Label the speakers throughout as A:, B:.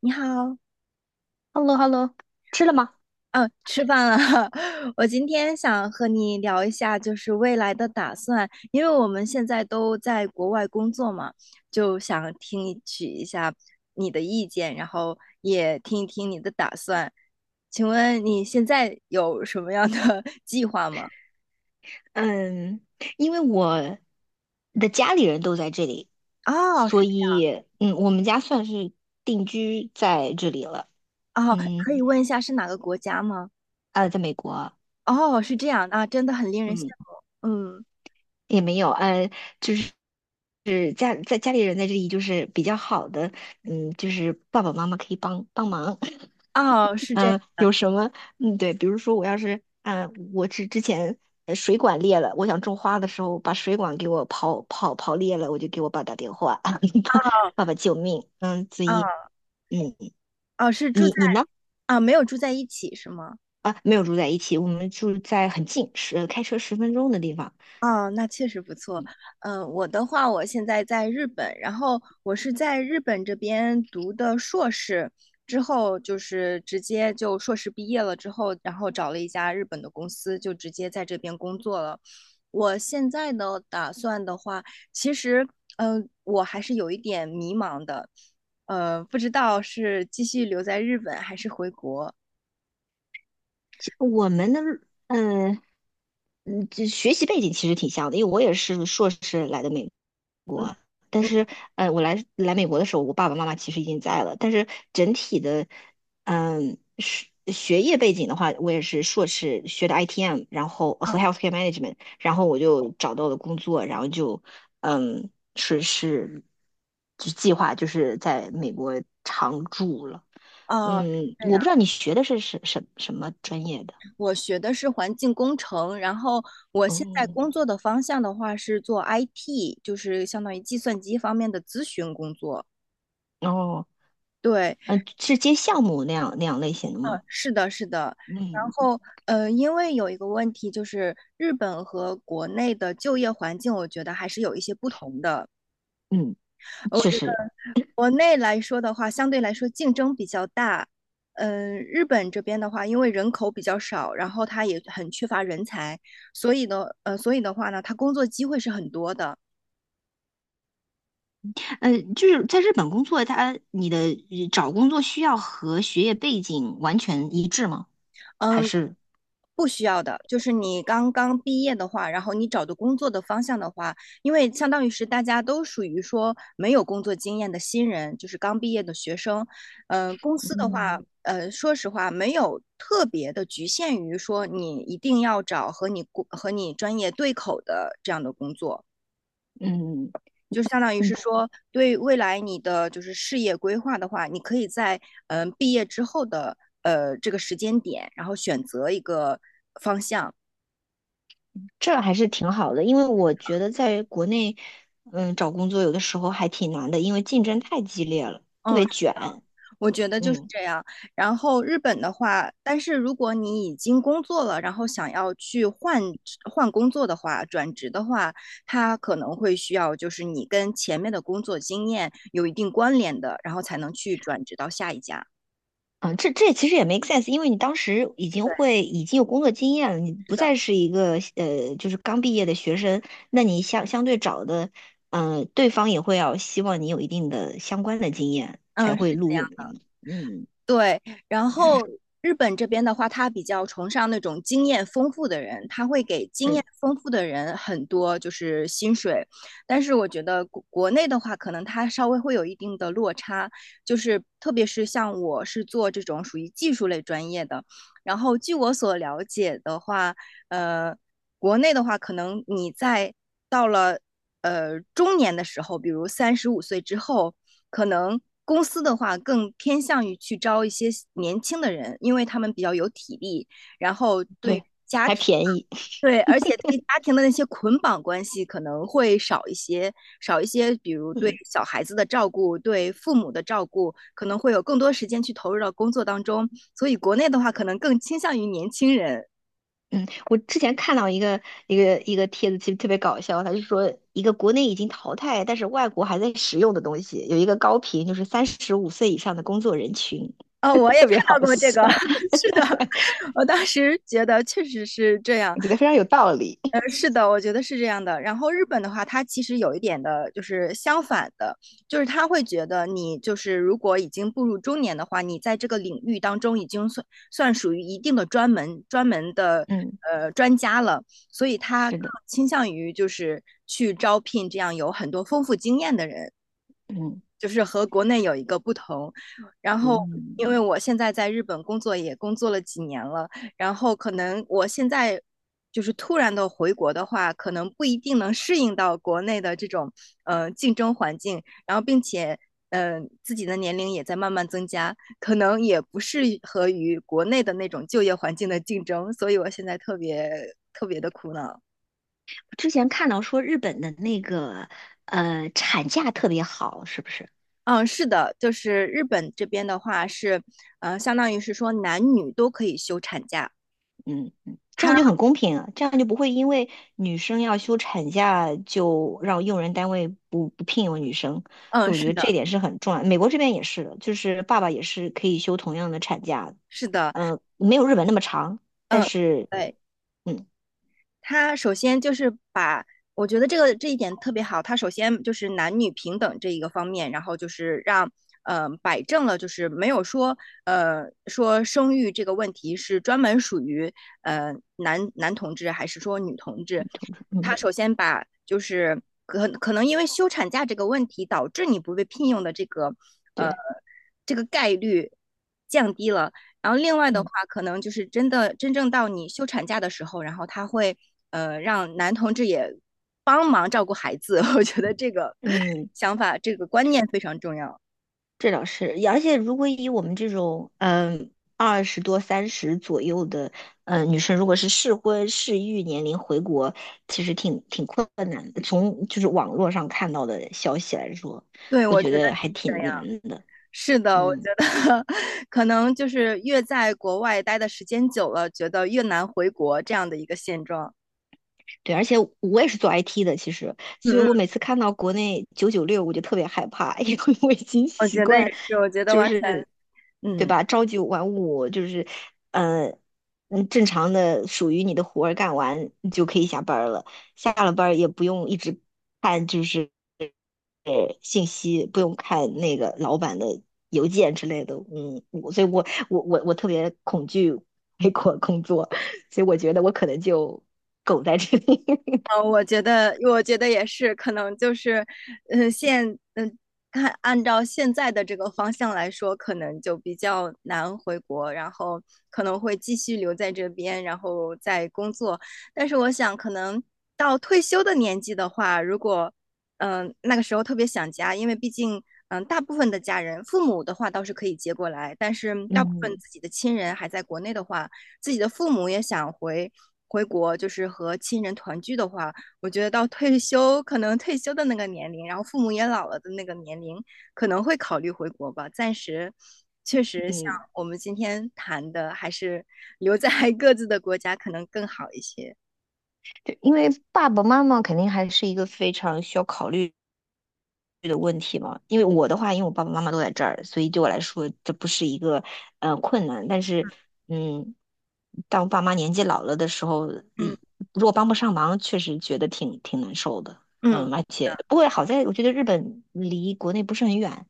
A: 你好，
B: h e l l o h e l l o。 吃了吗？
A: 嗯，吃饭了。我今天想和你聊一下，就是未来的打算，因为我们现在都在国外工作嘛，就想听一下你的意见，然后也听一听你的打算。请问你现在有什么样的 计划吗？
B: 嗯，因为我的家里人都在这里，
A: 哦，
B: 所
A: 是。
B: 以我们家算是定居在这里了。
A: 哦，
B: 嗯，
A: 可以问一下是哪个国家吗？
B: 在美国。
A: 哦，是这样啊，真的很令人羡
B: 嗯，
A: 慕。嗯，
B: 也没有，就是是家在家里人在这里，就是比较好的。就是爸爸妈妈可以帮帮忙。
A: 哦，是这
B: 嗯，有什么？对，比如说我要是，我是之前水管裂了，我想种花的时候把水管给我刨裂了，我就给我爸打电话，爸爸救命！嗯，子怡，
A: 啊。
B: 嗯，
A: 哦，是住
B: 你
A: 在。
B: 你呢？
A: 啊，没有住在一起是吗？
B: 啊，没有住在一起，我们住在很近，是开车十分钟的地方。
A: 哦，那确实不错。我的话，我现在在日本，然后我是在日本这边读的硕士，之后就是直接就硕士毕业了之后，然后找了一家日本的公司，就直接在这边工作了。我现在呢，打算的话，其实，我还是有一点迷茫的，不知道是继续留在日本还是回国。
B: 我们的，嗯这学习背景其实挺像的，因为我也是硕士来的美。
A: 嗯。
B: 但是，我来美国的时候，我爸爸妈妈其实已经在了。但是整体的，学业背景的话，我也是硕士学的 ITM，然后和
A: 啊。
B: healthcare management，然后我就找到了工作，然后就，嗯，是是，就计划就是在美国常住了。
A: 哦，是这
B: 我
A: 样。
B: 不知道你学的是什么专业的？
A: 我学的是环境工程，然后我现在
B: 哦
A: 工作的方向的话是做 IT，就是相当于计算机方面的咨询工作。
B: 哦，
A: 对。
B: 嗯，是接项目那样类型的吗？
A: 是的，是的。然
B: 嗯
A: 后，因为有一个问题就是，日本和国内的就业环境，我觉得还是有一些不同的。
B: 嗯，
A: 我
B: 确
A: 觉得
B: 实。
A: 国内来说的话，相对来说竞争比较大。嗯，日本这边的话，因为人口比较少，然后它也很缺乏人才，所以呢，所以的话呢，它工作机会是很多的。
B: 就是在日本工作，他你的找工作需要和学业背景完全一致吗？还
A: 嗯，
B: 是
A: 不需要的，就是你刚刚毕业的话，然后你找的工作的方向的话，因为相当于是大家都属于说没有工作经验的新人，就是刚毕业的学生。公司的话，
B: 嗯
A: 说实话，没有特别的局限于说你一定要找和你工和你专业对口的这样的工作。
B: 嗯
A: 就是相当于是
B: 嗯，
A: 说，对未来你的就是事业规划的话，你可以在毕业之后的这个时间点，然后选择一个
B: 这还是挺好的，因为我觉得在国内，找工作有的时候还挺难的，因为竞争太激烈了，特别卷。
A: 我觉得就是
B: 嗯。
A: 这样。然后日本的话，但是如果你已经工作了，然后想要去换工作的话，转职的话，它可能会需要就是你跟前面的工作经验有一定关联的，然后才能去转职到下一家。
B: 嗯，这其实也没 a sense，因为你当时已经
A: 对，
B: 会已经有工作经验了，你不再是一个就是刚毕业的学生，那你相对找的，嗯、对方也会要希望你有一定的相关的经验才
A: 嗯，
B: 会
A: 是。
B: 录用你嘛。嗯，
A: 对，然
B: 也
A: 后
B: 是。
A: 日本这边的话，他比较崇尚那种经验丰富的人，他会给经
B: 嗯，
A: 验丰富的人很多就是薪水，但是我觉得国内的话，可能他稍微会有一定的落差，就是特别是像我是做这种属于技术类专业的，然后据我所了解的话，呃，国内的话，可能你在到了中年的时候，比如35岁之后，可能公司的话更偏向于去招一些年轻的人，因为他们比较有体力，然后对。
B: 对，还便宜。
A: 对，而且对家庭的那些捆绑关系可能会少一些，少一些，比如对
B: 嗯
A: 小孩子的照顾，对父母的照顾，可能会有更多时间去投入到工作当中。所以国内的话，可能更倾向于年轻人。
B: 嗯。我之前看到一个一个帖子，其实特别搞笑，他就说一个国内已经淘汰，但是外国还在使用的东西，有一个高频，就是三十五岁以上的工作人群，
A: 哦，我 也
B: 特
A: 看
B: 别好
A: 到过这
B: 笑。
A: 个，是的，我当时觉得确实是这样。
B: 我觉得非常有道理。
A: 是的，我觉得是这样的。然后日本的话，它其实有一点的，就是相反的，就是他会觉得你就是如果已经步入中年的话，你在这个领域当中已经算属于一定的专门的
B: 嗯，
A: 专家了，所以他
B: 是
A: 更
B: 的。
A: 倾向于就是去招聘这样有很多丰富经验的人。
B: 嗯
A: 就是和国内有一个不同。然后，
B: 嗯，
A: 因为我现在在日本工作也工作了几年了，然后可能我现在就是突然的回国的话，可能不一定能适应到国内的这种竞争环境，然后并且。自己的年龄也在慢慢增加，可能也不适合于国内的那种就业环境的竞争，所以我现在特别特别的苦恼。
B: 之前看到说日本的那个产假特别好，是不是？
A: 嗯，是的，就是日本这边的话是，相当于是说男女都可以休产假。
B: 嗯嗯，这
A: 他，
B: 样就很公平啊，这样就不会因为女生要休产假就让用人单位不聘用女生，
A: 嗯，
B: 所以我
A: 是
B: 觉得
A: 的，
B: 这点是很重要。美国这边也是的，就是爸爸也是可以休同样的产假的，
A: 是的，
B: 没有日本那么长，但
A: 嗯，
B: 是
A: 对。
B: 嗯
A: 他首先就是把，我觉得这个这一点特别好。他首先就是男女平等这一个方面，然后就是让摆正了，就是没有说说生育这个问题是专门属于呃男男同志还是说女同志。他
B: 嗯
A: 首先把就是可能因为休产假这个问题导致你不被聘用的这个呃
B: 对
A: 这个概率降低了。然后另外的
B: 嗯
A: 话，可能就是真的真正到你休产假的时候，然后他会让男同志也帮忙照顾孩子。我觉得这个
B: 嗯。
A: 想法、这个观念非常重要。
B: 这倒是，而且如果以我们这种嗯二十多、三十左右的嗯、女生，如果是适婚适育年龄回国，其实挺困难的。从就是网络上看到的消息来说，
A: 对，
B: 我
A: 我
B: 觉
A: 觉得
B: 得还
A: 是这
B: 挺
A: 样。
B: 难的。
A: 是的，我觉
B: 嗯。
A: 得 可能就是越在国外待的时间久了，觉得越难回国这样的一个现状。
B: 对，而且我也是做 IT 的，其实，
A: 嗯
B: 所以我
A: 嗯，
B: 每次看到国内九九六，我就特别害怕，因为我已经
A: 我
B: 习
A: 觉得也
B: 惯，
A: 是，我觉得
B: 就
A: 完全，
B: 是，对
A: 嗯，
B: 吧？朝九晚五，就是，嗯正常的属于你的活儿干完，你就可以下班儿了。下了班儿也不用一直看，就是信息，不用看那个老板的邮件之类的。嗯，我所以我特别恐惧美国工作，所以我觉得我可能就苟在这里。
A: 嗯，我觉得，我觉得也是，可能就是，嗯，现，嗯，看按照现在的这个方向来说，可能就比较难回国，然后可能会继续留在这边，然后再工作。但是我想，可能到退休的年纪的话，如果，嗯，那个时候特别想家，因为毕竟，嗯，大部分的家人，父母的话倒是可以接过来，但是大部分
B: 嗯
A: 自己的亲人还在国内的话。自己的父母也想回国，就是和亲人团聚的话，我觉得到退休可能退休的那个年龄，然后父母也老了的那个年龄，可能会考虑回国吧。暂时确实像
B: 嗯。
A: 我们今天谈的，还是留在 各自的国家可能更好一些。
B: 对，因为爸爸妈妈肯定还是一个非常需要考虑的问题嘛，因为我的话，因为我爸爸妈妈都在这儿，所以对我来说这不是一个困难。但是，嗯，当爸妈年纪老了的时候，
A: 嗯
B: 一如果帮不上忙，确实觉得挺难受的。
A: 嗯，是
B: 而且
A: 的，
B: 不过好在我觉得日本离国内不是很远。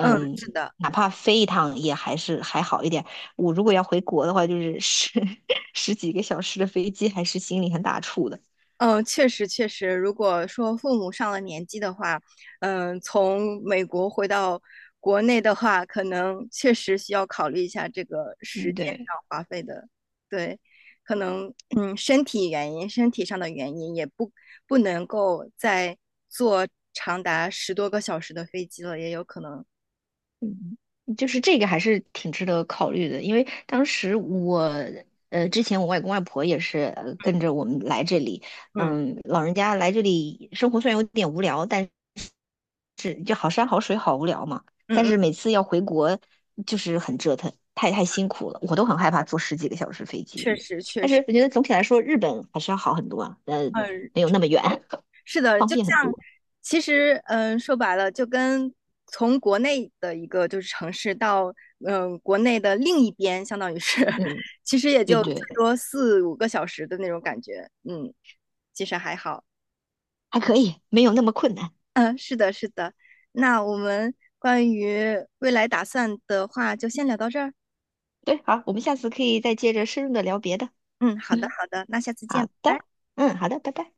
A: 嗯，是的。
B: 哪怕飞一趟也还是还好一点。我如果要回国的话，就是十 十几个小时的飞机，还是心里很打怵的。
A: 嗯，确实确实，如果说父母上了年纪的话，嗯，从美国回到国内的话，可能确实需要考虑一下这个时
B: 嗯，
A: 间
B: 对。
A: 上花费的，对，可能嗯，身体原因、身体上的原因也不能够再坐长达10多个小时的飞机了，也有可能，
B: 嗯，就是这个还是挺值得考虑的，因为当时我，之前我外公外婆也是跟着我们来这里。
A: 嗯
B: 老人家来这里生活虽然有点无聊，但是就好山好水好无聊嘛，
A: 嗯
B: 但
A: 嗯，
B: 是每次要回国就是很折腾，太辛苦了，我都很害怕坐十几个小时飞机，
A: 确实确
B: 但
A: 实，
B: 是我觉得总体来说日本还是要好很多啊，
A: 嗯，
B: 没有那么远，
A: 是的，
B: 方
A: 就
B: 便很
A: 像
B: 多。
A: 其实，嗯，说白了，就跟从国内的一个就是城市到国内的另一边，相当于是，
B: 嗯，
A: 其实也
B: 对
A: 就
B: 对。
A: 最多4、5个小时的那种感觉，嗯，其实还好。
B: 还可以，没有那么困难。
A: 嗯，是的，是的。那我们关于未来打算的话，就先聊到这儿。
B: 对，好，我们下次可以再接着深入的聊别的。
A: 嗯，好的，
B: 嗯，
A: 好的，那下次见，
B: 好
A: 拜
B: 的，
A: 拜。
B: 好的，拜拜。